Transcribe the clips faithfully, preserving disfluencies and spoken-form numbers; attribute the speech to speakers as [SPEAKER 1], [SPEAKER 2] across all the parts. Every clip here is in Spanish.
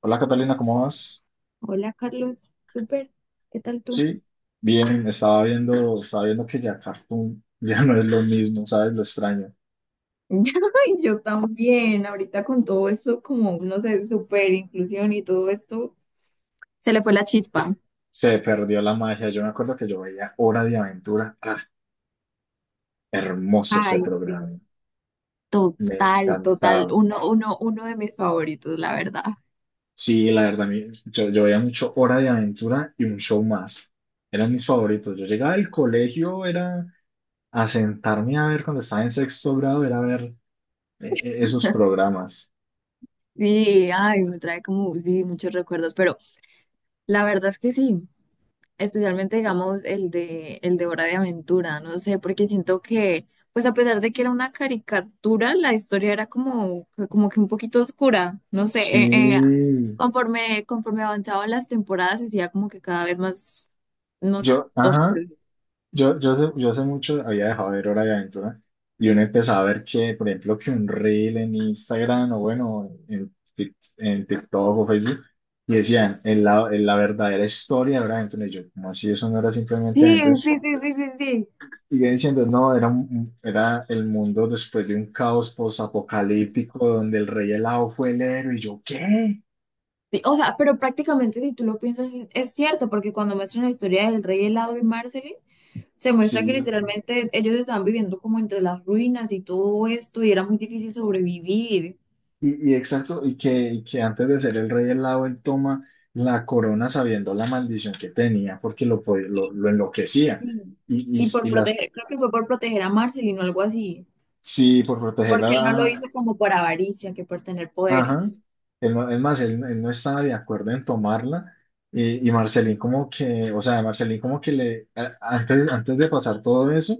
[SPEAKER 1] Hola Catalina, ¿cómo vas?
[SPEAKER 2] Hola Carlos, súper, ¿qué tal tú?
[SPEAKER 1] Sí, bien, estaba viendo, estaba viendo que ya Cartoon ya no es lo mismo, ¿sabes? Lo extraño.
[SPEAKER 2] Ay, yo también, ahorita con todo esto, como, no sé, super inclusión y todo esto, se le fue la chispa.
[SPEAKER 1] Se perdió la magia. Yo me acuerdo que yo veía Hora de Aventura. ¡Ah, hermoso ese
[SPEAKER 2] Ay, sí.
[SPEAKER 1] programa! Me
[SPEAKER 2] Total, total,
[SPEAKER 1] encantaba.
[SPEAKER 2] uno, uno, uno de mis favoritos, la verdad.
[SPEAKER 1] Sí, la verdad, a mí- yo, yo veía mucho Hora de Aventura y un show más. Eran mis favoritos. Yo llegaba al colegio, era a sentarme a ver cuando estaba en sexto grado, era ver eh, eh, esos programas.
[SPEAKER 2] Sí, ay, me trae como, sí, muchos recuerdos, pero la verdad es que sí. Especialmente digamos el de el de Hora de Aventura, no sé, porque siento que pues a pesar de que era una caricatura, la historia era como como que un poquito oscura, no sé,
[SPEAKER 1] Sí,
[SPEAKER 2] eh, eh, conforme conforme avanzaban las temporadas se hacía como que cada vez más nos
[SPEAKER 1] yo, ajá.
[SPEAKER 2] oscuro.
[SPEAKER 1] Yo, yo, hace, yo hace mucho había dejado de ver Hora de Aventura y uno empezaba a ver que, por ejemplo, que un reel en Instagram o bueno, en, Tik- en TikTok o Facebook y decían en la, en la verdadera historia de Hora de Aventura. Y yo, como así? Eso no era simplemente
[SPEAKER 2] Sí,
[SPEAKER 1] Aventura.
[SPEAKER 2] sí, sí, sí, sí, sí.
[SPEAKER 1] Y yo diciendo, no, era, un- un- era el mundo después de un caos posapocalíptico donde el rey helado fue el héroe. Y yo, ¿qué?
[SPEAKER 2] Sí, o sea, pero prácticamente si tú lo piensas es, es cierto, porque cuando muestran la historia del rey helado y Marceline se
[SPEAKER 1] Sí,
[SPEAKER 2] muestra que literalmente ellos estaban viviendo como entre las ruinas y todo esto, y era muy difícil sobrevivir.
[SPEAKER 1] Y, y exacto, y que, y que antes de ser el rey helado, él toma la corona sabiendo la maldición que tenía, porque lo, po- lo,
[SPEAKER 2] Y,
[SPEAKER 1] lo enloquecía.
[SPEAKER 2] y
[SPEAKER 1] Y, y,
[SPEAKER 2] y por
[SPEAKER 1] y las,
[SPEAKER 2] proteger, creo que fue por proteger a Marceline o algo así,
[SPEAKER 1] sí, por
[SPEAKER 2] porque él no lo
[SPEAKER 1] protegerla,
[SPEAKER 2] hizo como por avaricia, que por tener
[SPEAKER 1] ajá.
[SPEAKER 2] poderes.
[SPEAKER 1] Él no- es más, él, él no estaba de acuerdo en tomarla. Y, y Marcelín como que, o sea, Marcelín como que le, a- antes, antes de pasar todo eso,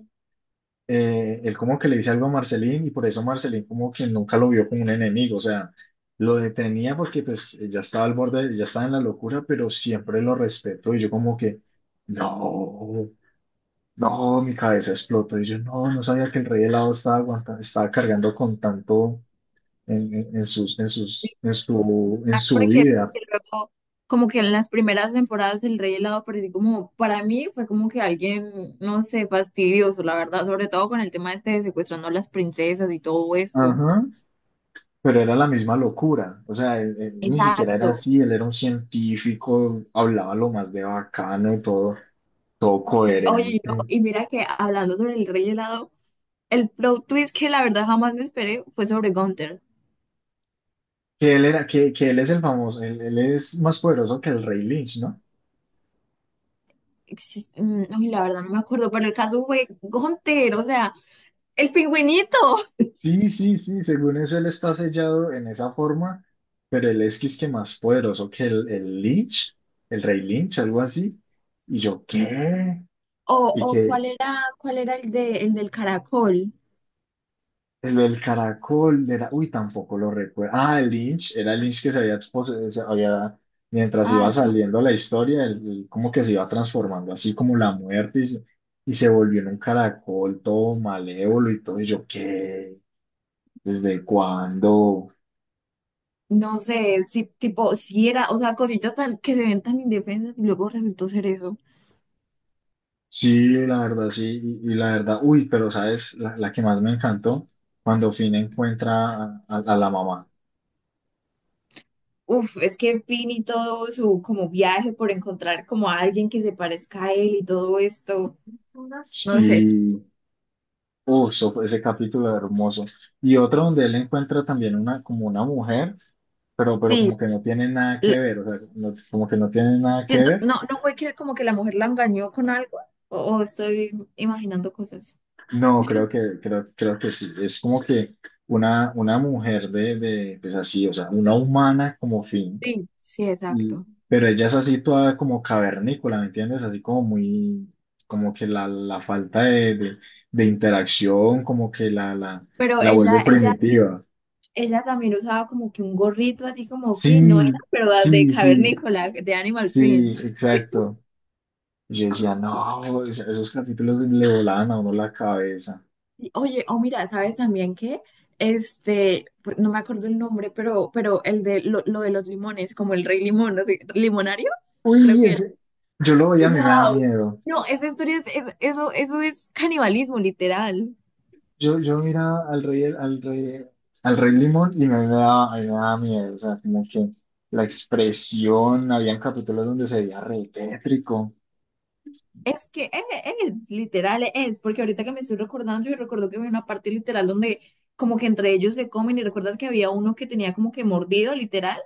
[SPEAKER 1] eh, él como que le dice algo a Marcelín y por eso Marcelín como que nunca lo vio como un enemigo, o sea, lo detenía porque pues ya estaba al borde, ya estaba en la locura, pero siempre lo respetó y yo como que, no, no, mi cabeza explotó y yo no, no sabía que el rey helado estaba aguantando, estaba cargando con tanto en, en, en sus, en sus, en su, en
[SPEAKER 2] Ah,
[SPEAKER 1] su
[SPEAKER 2] porque,
[SPEAKER 1] vida.
[SPEAKER 2] porque luego, como que en las primeras temporadas del Rey Helado pareció como, para mí fue como que alguien, no sé, fastidioso, la verdad, sobre todo con el tema este de secuestrando a las princesas y todo esto.
[SPEAKER 1] Ajá. Pero era la misma locura, o sea, él- él ni siquiera era
[SPEAKER 2] Exacto.
[SPEAKER 1] así, él era un científico, hablaba lo más de bacano y todo, todo
[SPEAKER 2] Sí, oye, y no,
[SPEAKER 1] coherente.
[SPEAKER 2] y mira que hablando sobre el Rey Helado, el plot twist que la verdad jamás me esperé fue sobre Gunther.
[SPEAKER 1] Que él era, que, que él es el famoso, él, él es más poderoso que el Rey Lynch, ¿no?
[SPEAKER 2] Exis- mm, Uy, la verdad no me acuerdo, pero el caso fue Gunther, o sea, el pingüinito.
[SPEAKER 1] Sí, sí, sí, según eso él está sellado en esa forma, pero él es que más poderoso que el, el Lynch, el Rey Lynch, algo así. Y yo,
[SPEAKER 2] Mm.
[SPEAKER 1] ¿qué?
[SPEAKER 2] O,
[SPEAKER 1] Y
[SPEAKER 2] o
[SPEAKER 1] que,
[SPEAKER 2] cuál era, cuál era el de, el del caracol.
[SPEAKER 1] el del caracol era, uy, tampoco lo recuerdo. Ah, el Lynch, era el Lynch que se había, pose- se había- mientras iba
[SPEAKER 2] Ah, sí.
[SPEAKER 1] saliendo la historia, el- el- como que se iba transformando, así como la muerte, y se, y se volvió en un caracol todo malévolo y todo. Y yo, ¿qué? ¿Desde cuándo?
[SPEAKER 2] No sé, sí, tipo, si era, o sea, cositas tan, que se ven tan indefensas y luego resultó ser eso.
[SPEAKER 1] Sí, la verdad, sí, y, y la verdad, uy, pero ¿sabes? La, la que más me encantó, cuando Finn encuentra a, a- a la mamá.
[SPEAKER 2] Uf, es que Finn y todo su como viaje por encontrar como a alguien que se parezca a él y todo esto, no sé.
[SPEAKER 1] Sí, Uh, so- ese capítulo hermoso. Y otro donde él encuentra también una, como una mujer, pero, pero
[SPEAKER 2] Sí,
[SPEAKER 1] como que no tiene nada que ver, o sea, no- como que no tiene nada que ver.
[SPEAKER 2] no, no fue que como que la mujer la engañó con algo, o, o estoy imaginando cosas.
[SPEAKER 1] No, creo que, creo, creo que sí. Es como que una, una mujer de, de, pues así, o sea, una humana como fin.
[SPEAKER 2] Sí, sí,
[SPEAKER 1] Y,
[SPEAKER 2] exacto.
[SPEAKER 1] pero ella es así toda como cavernícola, ¿me entiendes? Así como muy, como que la, la falta de, de, de interacción, como que la, la,
[SPEAKER 2] Pero
[SPEAKER 1] la vuelve
[SPEAKER 2] ella, ella,
[SPEAKER 1] primitiva.
[SPEAKER 2] ella también usaba como que un gorrito así como fino,
[SPEAKER 1] Sí,
[SPEAKER 2] ¿no era, pero de
[SPEAKER 1] sí, sí.
[SPEAKER 2] cavernícola, de Animal
[SPEAKER 1] Sí,
[SPEAKER 2] Print?
[SPEAKER 1] exacto. Y yo decía, no, es- esos capítulos le volaban a uno la cabeza.
[SPEAKER 2] Y, oye, oh mira, ¿sabes también qué? Este, pues, no me acuerdo el nombre, pero, pero el de lo, lo de los limones, como el rey limón, no sé, limonario, creo
[SPEAKER 1] Uy,
[SPEAKER 2] que era.
[SPEAKER 1] ese, yo lo veía, a mí me daba
[SPEAKER 2] ¡Wow!
[SPEAKER 1] miedo.
[SPEAKER 2] No, esa historia es, es- eso, eso es canibalismo, literal.
[SPEAKER 1] Yo, yo miraba al rey, al rey, al rey Limón y a mí me daba, a mí me daba miedo. O sea, como que la expresión, habían capítulos donde se veía re tétrico.
[SPEAKER 2] Es que es, es, literal es, porque ahorita que me estoy recordando, yo recuerdo que había una parte literal donde como que entre ellos se comen y recuerdas que había uno que tenía como que mordido, literal.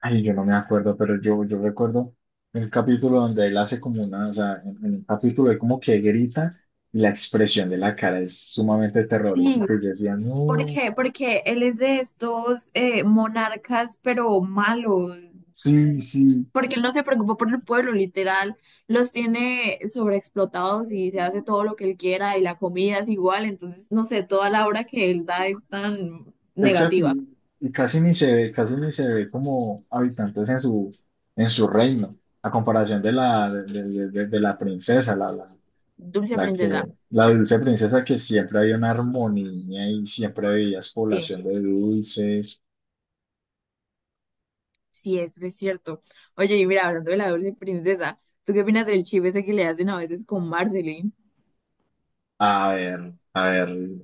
[SPEAKER 1] Ay, yo no me acuerdo, pero yo, yo recuerdo el capítulo donde él hace como una, o sea, en, en un capítulo él como que grita y la expresión de la cara es sumamente
[SPEAKER 2] Sí,
[SPEAKER 1] terrorífica. Y yo decía,
[SPEAKER 2] ¿por
[SPEAKER 1] no.
[SPEAKER 2] qué? Porque él es de estos eh, monarcas, pero malos,
[SPEAKER 1] Sí, sí,
[SPEAKER 2] porque él no se preocupa por el pueblo, literal, los tiene sobreexplotados y se hace todo lo que él quiera y la comida es igual, entonces no sé, toda la obra que él da es tan
[SPEAKER 1] exacto,
[SPEAKER 2] negativa.
[SPEAKER 1] y, y casi ni se ve, casi ni se ve como habitantes en su, en su reino, a comparación de la, de, de- de- de la princesa, la, la,
[SPEAKER 2] Dulce
[SPEAKER 1] la
[SPEAKER 2] princesa.
[SPEAKER 1] que, la dulce princesa que siempre había una armonía y siempre había
[SPEAKER 2] Sí.
[SPEAKER 1] población de dulces.
[SPEAKER 2] Sí, eso es cierto. Oye, y mira, hablando de la dulce princesa, ¿tú qué opinas del chip ese que le hacen a veces con Marceline?
[SPEAKER 1] A ver, a ver,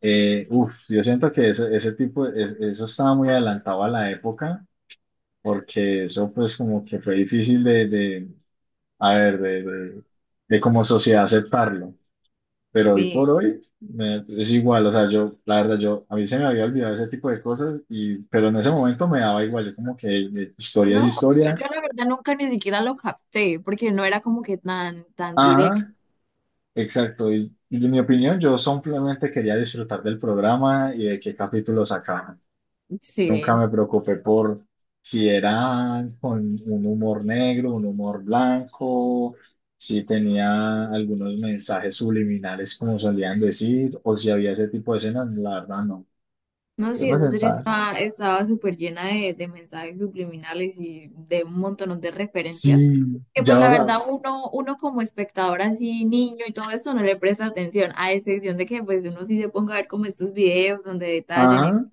[SPEAKER 1] eh, uf, yo siento que ese, ese tipo, es- eso estaba muy adelantado a la época, porque eso pues como que fue difícil a ver, de, de, de como sociedad aceptarlo. Pero hoy
[SPEAKER 2] Sí.
[SPEAKER 1] por hoy me- es igual, o sea, yo, la verdad, yo, a mí se me había olvidado ese tipo de cosas, y, pero en ese momento me daba igual, yo como que eh, historia es
[SPEAKER 2] No, yo,
[SPEAKER 1] historia.
[SPEAKER 2] yo la verdad nunca ni siquiera lo capté, porque no era como que tan, tan directo.
[SPEAKER 1] Ajá, exacto, y, y en mi opinión, yo simplemente quería disfrutar del programa y de qué capítulo sacaban. Nunca
[SPEAKER 2] Sí.
[SPEAKER 1] me preocupé por si era con un humor negro, un humor blanco, si tenía algunos mensajes subliminales, como solían decir, o si había ese tipo de escenas, la verdad no.
[SPEAKER 2] No,
[SPEAKER 1] Yo
[SPEAKER 2] sí,
[SPEAKER 1] me
[SPEAKER 2] esa serie
[SPEAKER 1] sentaba.
[SPEAKER 2] estaba, estaba súper llena de, de mensajes subliminales y de un montón de referencias,
[SPEAKER 1] Sí,
[SPEAKER 2] que
[SPEAKER 1] ya
[SPEAKER 2] pues la
[SPEAKER 1] ahora,
[SPEAKER 2] verdad uno, uno como espectador así, niño y todo eso, no le presta atención, a excepción de que pues uno sí se ponga a ver como estos videos donde detallan y...
[SPEAKER 1] ajá,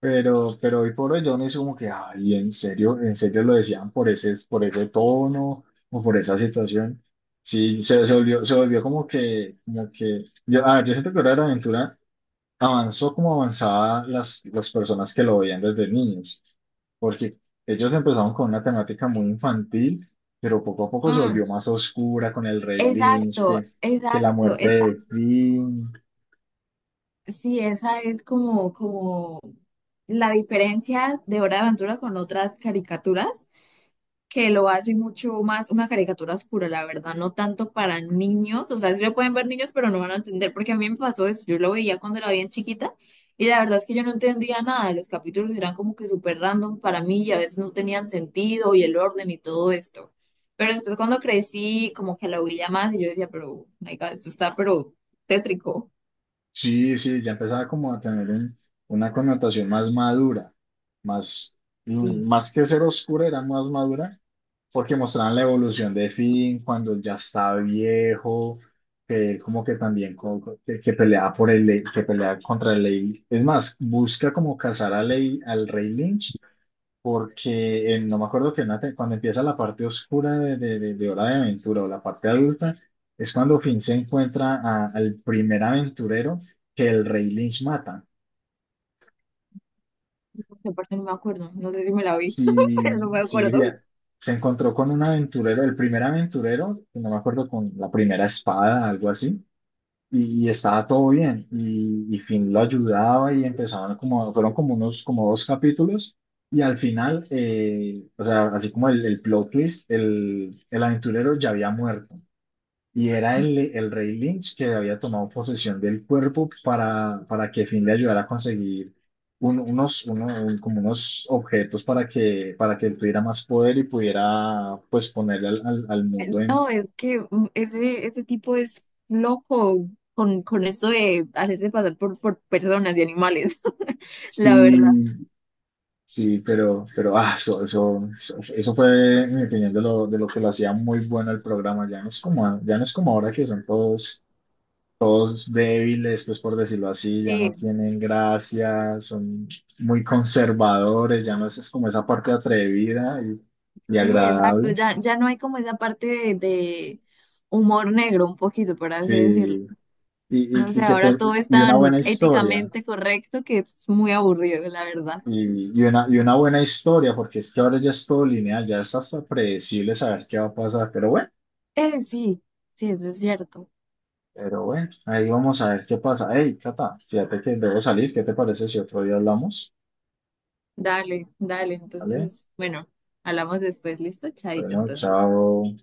[SPEAKER 1] pero, pero hoy por hoy yo me hice como que, ay, en serio, en serio lo decían por ese, por ese tono o por esa situación. Sí, se, se volvió, se volvió como que, como que, yo, a ver, yo siento que Hora de Aventura avanzó como avanzaban las, las personas que lo veían desde niños, porque ellos empezaron con una temática muy infantil, pero poco a poco se
[SPEAKER 2] Mm,
[SPEAKER 1] volvió más oscura con el Rey Lynch,
[SPEAKER 2] exacto,
[SPEAKER 1] que, que la
[SPEAKER 2] exacto,
[SPEAKER 1] muerte
[SPEAKER 2] esa,
[SPEAKER 1] de Finn.
[SPEAKER 2] sí, esa es como, como la diferencia de Hora de Aventura con otras caricaturas, que lo hace mucho más una caricatura oscura, la verdad, no tanto para niños, o sea, sí lo pueden ver niños, pero no van a entender, porque a mí me pasó eso, yo lo veía cuando era bien chiquita y la verdad es que yo no entendía nada, los capítulos eran como que súper random para mí y a veces no tenían sentido y el orden y todo esto. Pero después cuando crecí, como que lo veía más y yo decía, pero, my God, esto está pero tétrico.
[SPEAKER 1] Sí, sí, ya empezaba como a tener un- una connotación más madura, más, mm,
[SPEAKER 2] Y
[SPEAKER 1] más que ser oscura, era más madura porque mostraban la evolución de Finn cuando ya está viejo, que él como que también co- co- que, que pelea por el Ley- que pelea contra el Ley. Es más, busca como cazar a Ley, al Rey Lynch, porque en- no me acuerdo que en la te- cuando empieza la parte oscura de, de, de- de Hora de Aventura o la parte adulta, es cuando Finn se encuentra a- al primer aventurero que el Rey Lynch mata.
[SPEAKER 2] aparte no me acuerdo, no sé si me la vi, pero no
[SPEAKER 1] Sí,
[SPEAKER 2] me
[SPEAKER 1] sí,
[SPEAKER 2] acuerdo.
[SPEAKER 1] bien. Se encontró con un aventurero, el primer aventurero, no me acuerdo, con la primera espada, algo así, y, y estaba todo bien, y, y Finn lo ayudaba y empezaban como, fueron como unos, como dos capítulos, y al final, eh, o sea, así como el, el plot twist, el, el aventurero ya había muerto. Y era el, el rey Lynch que había tomado posesión del cuerpo para, para que fin le ayudara a conseguir un- unos, uno- un- como unos objetos para que, para que él tuviera más poder y pudiera pues ponerle al, al, al mundo en...
[SPEAKER 2] No, es que mm, ese, ese tipo es loco con, con eso de hacerse pasar por, por personas y animales, la verdad.
[SPEAKER 1] Sí, sí, pero, pero ah, eso, eso, eso, eso fue, en mi opinión, de lo, de lo que lo hacía muy bueno el programa. Ya no es como, a- ya no es como ahora que son todos débiles, pues por decirlo así, ya
[SPEAKER 2] Sí,
[SPEAKER 1] no tienen gracia, son muy conservadores, ya no es, es como esa parte atrevida y, y
[SPEAKER 2] sí, exacto.
[SPEAKER 1] agradable.
[SPEAKER 2] Ya, ya no hay como esa parte de, de humor negro, un poquito, por así
[SPEAKER 1] Sí,
[SPEAKER 2] decirlo.
[SPEAKER 1] y, y,
[SPEAKER 2] No
[SPEAKER 1] y
[SPEAKER 2] sé,
[SPEAKER 1] que
[SPEAKER 2] ahora
[SPEAKER 1] te-
[SPEAKER 2] todo es
[SPEAKER 1] y una
[SPEAKER 2] tan
[SPEAKER 1] buena historia,
[SPEAKER 2] éticamente correcto que es muy aburrido, la verdad.
[SPEAKER 1] y, y una, y una buena historia, porque es que ahora ya es todo lineal, ya es hasta predecible saber qué va a pasar, pero bueno,
[SPEAKER 2] Eh, sí, sí, eso es cierto.
[SPEAKER 1] pero bueno, ahí vamos a ver qué pasa. Hey, Cata, fíjate que debo salir, ¿qué te parece si otro día hablamos?
[SPEAKER 2] Dale, dale.
[SPEAKER 1] ¿Vale?
[SPEAKER 2] Entonces, bueno, hablamos después. Listo, chaito,
[SPEAKER 1] Bueno,
[SPEAKER 2] entonces.
[SPEAKER 1] chao.